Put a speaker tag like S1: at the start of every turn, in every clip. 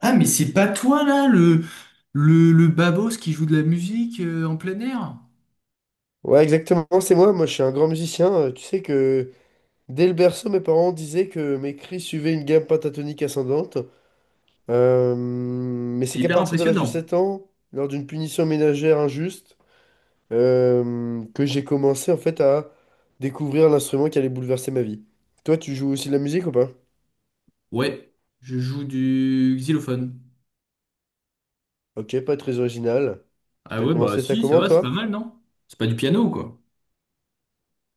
S1: Ah, mais c'est pas toi là, le babos qui joue de la musique en plein air?
S2: Ouais, exactement, c'est moi. Moi, je suis un grand musicien. Tu sais que dès le berceau, mes parents disaient que mes cris suivaient une gamme pentatonique ascendante. Mais
S1: C'est
S2: c'est qu'à
S1: hyper
S2: partir de l'âge de
S1: impressionnant.
S2: 7 ans, lors d'une punition ménagère injuste, que j'ai commencé en fait à découvrir l'instrument qui allait bouleverser ma vie. Toi, tu joues aussi de la musique ou pas?
S1: Ouais, je joue du xylophone.
S2: Ok, pas très original.
S1: Ah
S2: T'as
S1: ouais, bah
S2: commencé ça
S1: si, ça
S2: comment,
S1: va, c'est pas
S2: toi?
S1: mal, non? C'est pas du piano, quoi.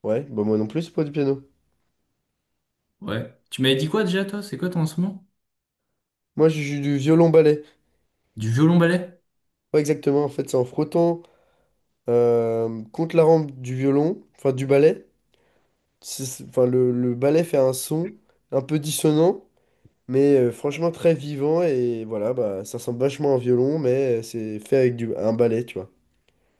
S2: Ouais, bah moi non plus, c'est pas du piano.
S1: Ouais. Tu m'avais dit quoi déjà, toi? C'est quoi ton instrument?
S2: Moi, je joue du violon-ballet.
S1: Du violon-ballet?
S2: Ouais, exactement, en fait, c'est en frottant, contre la rampe du violon, enfin du ballet. Enfin, le ballet fait un son un peu dissonant, mais franchement très vivant. Et voilà, bah, ça ressemble vachement à un violon, mais c'est fait avec un ballet, tu vois.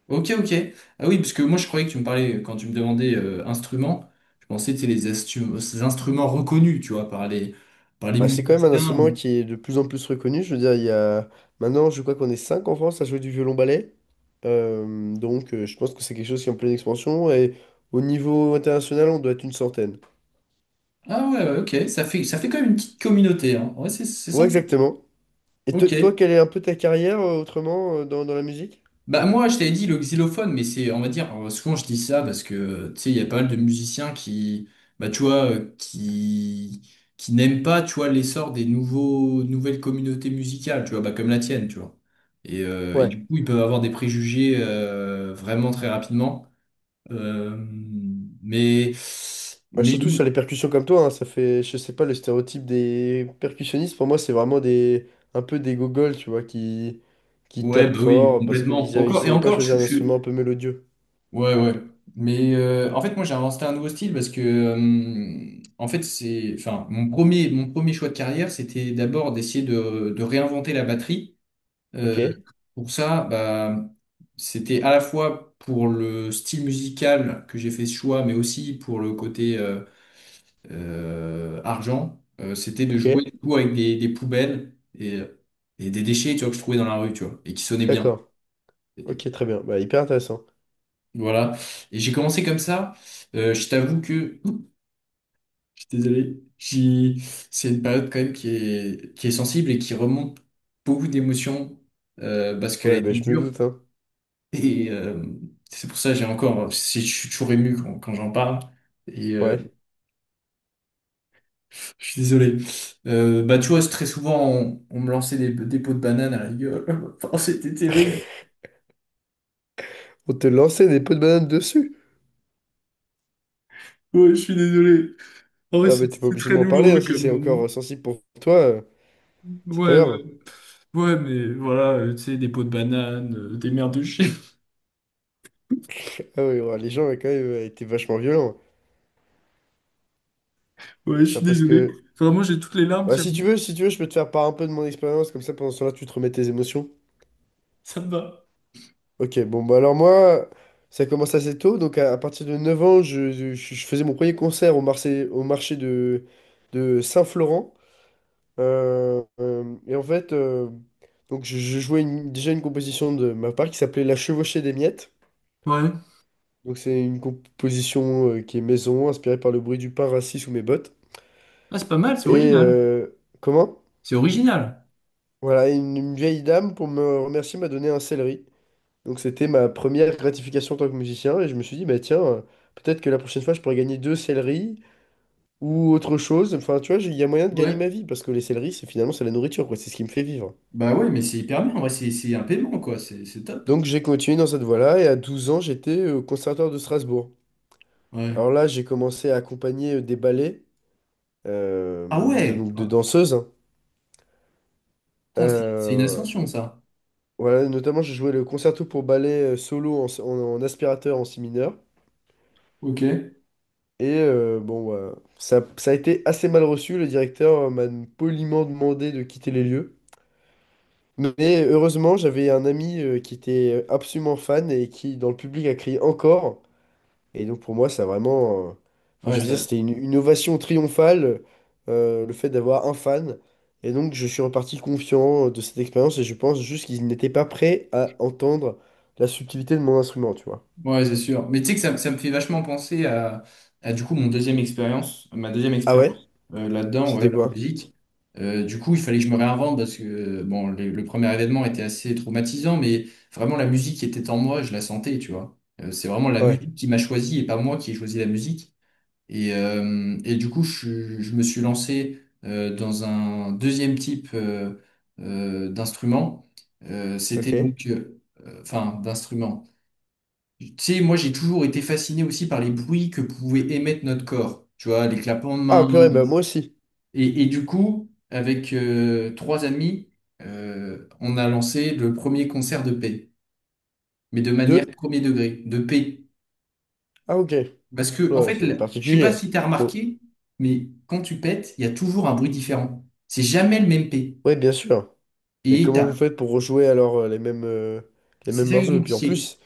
S1: Ok, ok. Ah oui, parce que moi je croyais que tu me parlais, quand tu me demandais instrument, je pensais que c'était les ces instruments reconnus, tu vois, par les
S2: Bah, c'est quand même un instrument
S1: musiciens.
S2: qui est de plus en plus reconnu. Je veux dire, il y a maintenant, je crois qu'on est 5 en France à jouer du violon-ballet. Donc, je pense que c'est quelque chose qui est en pleine expansion. Et au niveau international, on doit être une centaine.
S1: Ah ouais, ouais, ok, ça fait quand même une petite communauté, hein. Ouais, c'est
S2: Ouais,
S1: sympa.
S2: exactement. Et toi,
S1: Ok.
S2: quelle est un peu ta carrière autrement, dans la musique?
S1: Bah moi je t'avais dit le xylophone mais c'est on va dire souvent je dis ça parce que tu sais il y a pas mal de musiciens qui bah tu vois qui n'aiment pas tu vois l'essor des nouveaux nouvelles communautés musicales tu vois bah comme la tienne tu vois et
S2: Ouais.
S1: du coup ils peuvent avoir des préjugés vraiment très rapidement. Euh, mais
S2: Ouais,
S1: mais
S2: surtout sur les percussions comme toi, hein, ça fait, je sais pas, le stéréotype des percussionnistes, pour moi, c'est vraiment un peu des gogols, tu vois, qui
S1: ouais
S2: tapent
S1: bah oui
S2: fort parce
S1: complètement
S2: qu'ils
S1: encore et
S2: savaient pas
S1: encore
S2: choisir un instrument un peu mélodieux.
S1: ouais, ouais. Mais en fait, moi, j'ai inventé un nouveau style parce que, en fait, c'est, enfin, mon premier choix de carrière, c'était d'abord d'essayer de réinventer la batterie.
S2: Ok,
S1: Euh, pour ça, bah, c'était à la fois pour le style musical que j'ai fait ce choix, mais aussi pour le côté argent. C'était de
S2: ok,
S1: jouer du coup, avec des poubelles et des déchets, tu vois, que je trouvais dans la rue, tu vois, et qui sonnaient bien.
S2: d'accord, ok, très bien, bah, hyper intéressant.
S1: Voilà. Et j'ai commencé comme ça. Je t'avoue que, ouh, je suis désolé, c'est une période quand même qui est sensible et qui remonte beaucoup d'émotions parce qu'elle a
S2: Ouais, bah,
S1: été
S2: je me
S1: dure.
S2: doute, hein.
S1: Et c'est pour ça que j'ai encore, je suis toujours ému quand, quand j'en parle. Et
S2: Ouais.
S1: je suis désolé. Bah, tu vois, c'est très souvent, on me lançait des pots de banane à la gueule. Oh, c'était terrible.
S2: On te lançait des pots de banane dessus.
S1: Ouais, je suis désolé. Oh,
S2: Non, mais t'es pas
S1: c'est
S2: obligé de
S1: très
S2: m'en parler, hein,
S1: douloureux
S2: si
S1: comme
S2: c'est
S1: moment.
S2: encore sensible pour toi, c'est pas
S1: Ouais,
S2: grave.
S1: ouais. Ouais, mais voilà, tu sais, des pots de banane, des merdes de chien.
S2: Ah oui, ouais, les gens ont quand même, été vachement violents,
S1: Ouais, je
S2: hein,
S1: suis
S2: parce
S1: désolé.
S2: que...
S1: Vraiment, j'ai toutes les larmes
S2: Bah,
S1: qui
S2: si
S1: arrivent.
S2: tu veux, si tu veux, je peux te faire part un peu de mon expérience, comme ça pendant ce temps-là, tu te remets tes émotions.
S1: Ça me va.
S2: Ok, bon, bah alors moi, ça commence assez tôt, donc à partir de 9 ans, je faisais mon premier concert au marché de Saint-Florent. Et en fait, donc je jouais déjà une composition de ma part qui s'appelait La Chevauchée des Miettes.
S1: Ouais.
S2: Donc c'est une composition qui est maison, inspirée par le bruit du pain rassis sous mes bottes.
S1: Ah, c'est pas mal, c'est
S2: Et
S1: original.
S2: comment?
S1: C'est original.
S2: Voilà, une vieille dame, pour me remercier, m'a donné un céleri. Donc c'était ma première gratification en tant que musicien et je me suis dit, bah tiens, peut-être que la prochaine fois je pourrais gagner deux céleris ou autre chose. Enfin, tu vois, il y a moyen de gagner ma
S1: Ouais,
S2: vie parce que les céleris, c'est finalement c'est la nourriture, quoi, c'est ce qui me fait vivre.
S1: bah ouais, mais c'est hyper bien. En vrai, c'est un paiement, quoi. C'est top.
S2: Donc j'ai continué dans cette voie-là et à 12 ans, j'étais au conservatoire de Strasbourg. Alors
S1: Ouais.
S2: là, j'ai commencé à accompagner des ballets,
S1: Ah ouais!
S2: donc de
S1: Ah,
S2: danseuses, hein.
S1: putain, c'est une
S2: Euh,
S1: ascension, ça.
S2: voilà, notamment j'ai joué le concerto pour ballet solo, en aspirateur, en si mineur.
S1: Ok.
S2: Et bon, bah, ça a été assez mal reçu. Le directeur m'a poliment demandé de quitter les lieux. Mais heureusement, j'avais un ami qui était absolument fan et qui, dans le public, a crié encore. Et donc, pour moi, ça a vraiment. Enfin,
S1: Ouais,
S2: je veux dire,
S1: ça.
S2: c'était une ovation triomphale, le fait d'avoir un fan. Et donc, je suis reparti confiant de cette expérience et je pense juste qu'ils n'étaient pas prêts à entendre la subtilité de mon instrument, tu vois.
S1: Ouais, c'est sûr. Mais tu sais que ça me fait vachement penser à du coup mon deuxième expérience, ma deuxième
S2: Ah ouais?
S1: expérience là-dedans, ouais,
S2: C'était
S1: dans la
S2: quoi?
S1: musique. Du coup, il fallait que je me réinvente parce que bon, le premier événement était assez traumatisant, mais vraiment la musique qui était en moi, je la sentais, tu vois. C'est vraiment la
S2: Ouais,
S1: musique qui m'a choisi et pas moi qui ai choisi la musique. Et du coup, je me suis lancé dans un deuxième type d'instrument. C'était
S2: ok.
S1: donc, enfin, d'instrument. Tu sais, moi j'ai toujours été fasciné aussi par les bruits que pouvait émettre notre corps, tu vois, les clapements de
S2: Ah,
S1: mains.
S2: purée, bah moi aussi.
S1: Et du coup, avec trois amis, on a lancé le premier concert de paix, mais de manière
S2: Deux?
S1: premier degré, de paix.
S2: Ah, ok.
S1: Parce que, en
S2: Ouais,
S1: fait,
S2: c'est
S1: là, je sais pas
S2: particulier.
S1: si tu as
S2: Faut...
S1: remarqué, mais quand tu pètes, il y a toujours un bruit différent. C'est jamais le même paix.
S2: Ouais, bien sûr. Mais
S1: Et
S2: comment vous faites pour rejouer alors, les
S1: c'est
S2: mêmes
S1: ça qui est
S2: morceaux? Et puis en
S1: compliqué.
S2: plus,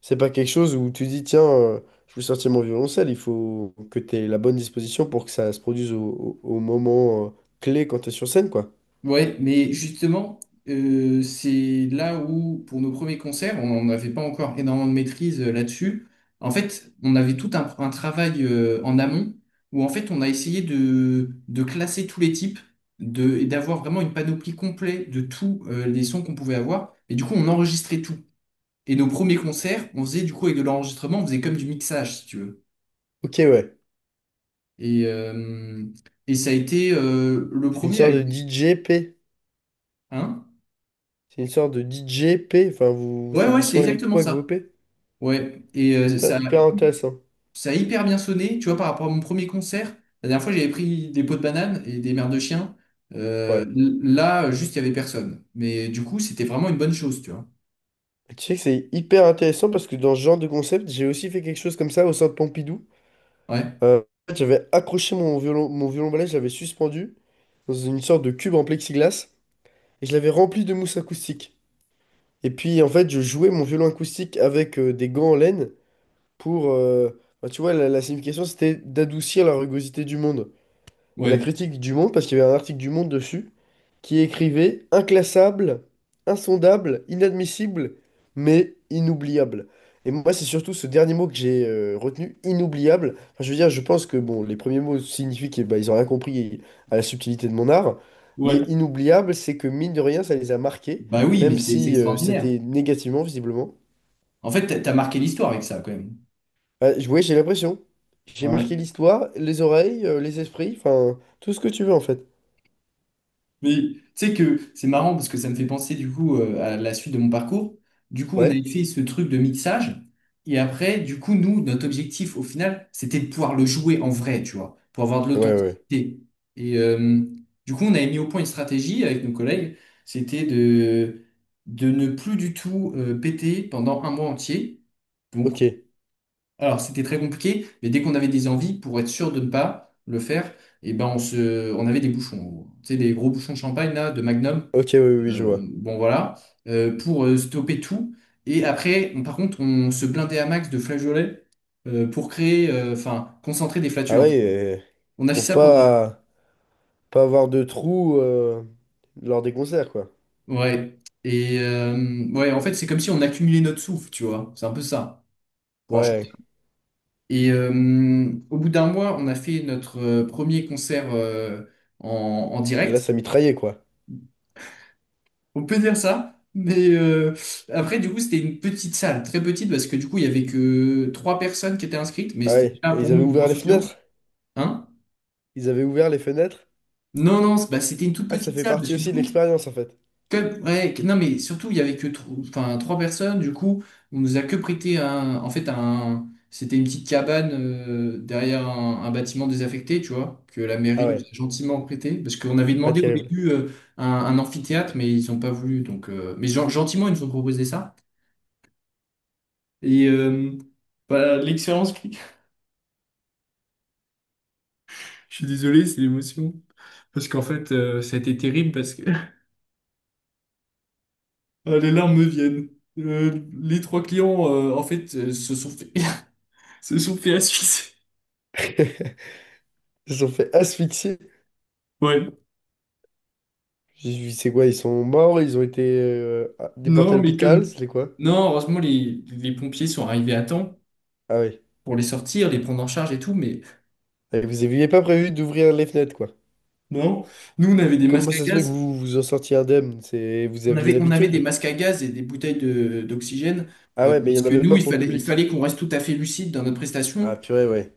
S2: c'est pas quelque chose où tu dis, tiens, je veux sortir mon violoncelle, il faut que tu aies la bonne disposition pour que ça se produise au moment clé quand tu es sur scène, quoi.
S1: Ouais, mais justement, c'est là où, pour nos premiers concerts, on n'avait pas encore énormément de maîtrise là-dessus. En fait, on avait tout un travail en amont où, en fait, on a essayé de classer tous les types de, et d'avoir vraiment une panoplie complète de tous les sons qu'on pouvait avoir. Et du coup, on enregistrait tout. Et nos premiers concerts, on faisait du coup avec de l'enregistrement, on faisait comme du mixage, si tu veux.
S2: Ok, ouais.
S1: Et, euh, et ça a été le
S2: C'est une
S1: premier à...
S2: sorte de DJP.
S1: Hein?
S2: C'est une sorte de DJP. Enfin, vous...
S1: Ouais,
S2: c'est
S1: ouais,
S2: du
S1: c'est
S2: son
S1: exactement
S2: électro avec vos
S1: ça.
S2: P.
S1: Ouais, et ça,
S2: Putain, hyper intéressant.
S1: ça a hyper bien sonné, tu vois, par rapport à mon premier concert. La dernière fois, j'avais pris des pots de bananes et des mères de chiens.
S2: Ouais.
S1: Là, juste, il y avait personne. Mais du coup, c'était vraiment une bonne chose, tu vois.
S2: Et tu sais que c'est hyper intéressant parce que dans ce genre de concept, j'ai aussi fait quelque chose comme ça au Centre Pompidou.
S1: Ouais.
S2: Euh, En fait, j'avais accroché mon violon balai, je l'avais suspendu dans une sorte de cube en plexiglas et je l'avais rempli de mousse acoustique. Et puis en fait, je jouais mon violon acoustique avec des gants en laine pour, bah, tu vois, la signification, c'était d'adoucir la rugosité du monde. Et la
S1: Ouais,
S2: critique du Monde, parce qu'il y avait un article du Monde dessus, qui écrivait « Inclassable, insondable, inadmissible, mais inoubliable ». Et moi, c'est surtout ce dernier mot que j'ai retenu, inoubliable. Enfin, je veux dire, je pense que bon, les premiers mots signifient qu'ils ils ont rien compris à la subtilité de mon art, mais
S1: ouais.
S2: inoubliable, c'est que mine de rien, ça les a marqués,
S1: Bah oui, mais
S2: même
S1: c'est
S2: si
S1: extraordinaire.
S2: c'était négativement, visiblement.
S1: En fait, t'as t'as marqué l'histoire avec ça, quand même.
S2: Ouais, j'ai l'impression. J'ai
S1: Ouais.
S2: marqué l'histoire, les oreilles, les esprits, enfin, tout ce que tu veux en fait.
S1: Mais tu sais que c'est marrant parce que ça me fait penser du coup à la suite de mon parcours. Du coup, on avait
S2: Ouais.
S1: fait ce truc de mixage. Et après, du coup, nous, notre objectif au final, c'était de pouvoir le jouer en vrai, tu vois, pour avoir de
S2: Ouais, ouais, ouais.
S1: l'authenticité. Et du coup, on avait mis au point une stratégie avec nos collègues. C'était de ne plus du tout péter pendant un mois entier. Donc,
S2: Ok,
S1: alors, c'était très compliqué, mais dès qu'on avait des envies, pour être sûr de ne pas le faire, eh ben on avait des bouchons, en gros. Tu sais, des gros bouchons de champagne, là, de Magnum.
S2: ok, oui, oui, oui, je
S1: Euh,
S2: vois.
S1: bon, voilà. Pour stopper tout. Et après, par contre, on se blindait à max de flageolets pour créer, enfin, concentrer des
S2: Ah
S1: flatulences.
S2: ouais, euh,
S1: On a fait
S2: pour
S1: ça pendant.
S2: pas avoir de trous lors des concerts, quoi.
S1: Ouais. Et ouais, en fait, c'est comme si on accumulait notre souffle, tu vois. C'est un peu ça, pour un chanteur.
S2: Ouais,
S1: Et au bout d'un mois, on a fait notre premier concert en en
S2: là,
S1: direct.
S2: ça mitraillait, quoi.
S1: On peut dire ça, mais après, du coup, c'était une petite salle, très petite, parce que du coup, il y avait que trois personnes qui étaient inscrites, mais
S2: Ah
S1: c'était
S2: ouais,
S1: déjà
S2: et
S1: pour
S2: ils avaient
S1: nous une
S2: ouvert
S1: grosse
S2: les fenêtres.
S1: audience. Hein?
S2: Ils avaient ouvert les fenêtres.
S1: Non, non, bah, c'était une toute
S2: Ah, ça
S1: petite
S2: fait
S1: salle, parce
S2: partie
S1: que du
S2: aussi de
S1: coup,
S2: l'expérience, en fait.
S1: ouais, non, mais surtout, il y avait que enfin, trois personnes, du coup, on nous a que prêté un, en fait, un, c'était une petite cabane derrière un bâtiment désaffecté, tu vois, que la
S2: Ah
S1: mairie nous
S2: ouais,
S1: a gentiment prêté, parce qu'on avait
S2: pas
S1: demandé au
S2: terrible.
S1: début un amphithéâtre, mais ils n'ont pas voulu, donc, mais gentiment, ils nous ont proposé ça. Et bah, je suis désolé, c'est l'émotion. Parce qu'en fait, ça a été terrible parce que ah, les larmes me viennent. Les trois clients, en fait, se sont fait, se sont fait asphyxier.
S2: Ils se sont fait asphyxier.
S1: Ouais.
S2: J'ai vu, c'est quoi, ils sont morts, ils ont été déportés
S1: Non,
S2: à
S1: mais
S2: l'hôpital,
S1: comme...
S2: c'est quoi?
S1: non, heureusement, les pompiers sont arrivés à temps
S2: Ah ouais.
S1: pour les sortir, les prendre en charge et tout, mais
S2: Et vous aviez pas prévu d'ouvrir les fenêtres, quoi.
S1: non. Nous, on avait des
S2: Comment
S1: masques à
S2: ça se fait que
S1: gaz.
S2: vous vous en sortiez indemne? C'est... Vous aviez
S1: On avait des
S2: l'habitude?
S1: masques à gaz et des bouteilles de, d'oxygène
S2: Ah ouais, mais il y
S1: parce
S2: en
S1: que
S2: avait
S1: nous,
S2: pas pour le
S1: il
S2: public.
S1: fallait qu'on reste tout à fait lucide dans notre prestation.
S2: Ah purée, ouais.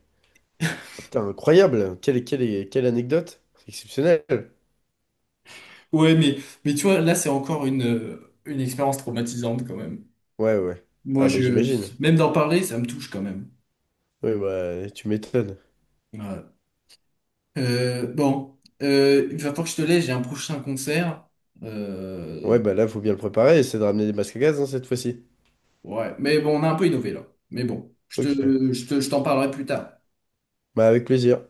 S2: Ah, putain, incroyable. Quelle, quelle, quelle anecdote. Exceptionnelle.
S1: Ouais, mais tu vois, là, c'est encore une expérience traumatisante quand même.
S2: Ouais, ouais. Ah
S1: Moi,
S2: mais
S1: je,
S2: j'imagine.
S1: même d'en parler, ça me touche quand même.
S2: Oui, bah tu m'étonnes.
S1: Ouais. Bon, il va falloir que je te laisse, j'ai un prochain concert. Euh,
S2: Ouais, bah là, faut bien le préparer, c'est de ramener des masques à gaz, hein, cette fois-ci.
S1: ouais, mais bon, on a un peu innové là. Mais bon, je
S2: Ok.
S1: te, je te, je t'en parlerai plus tard.
S2: Bah avec plaisir.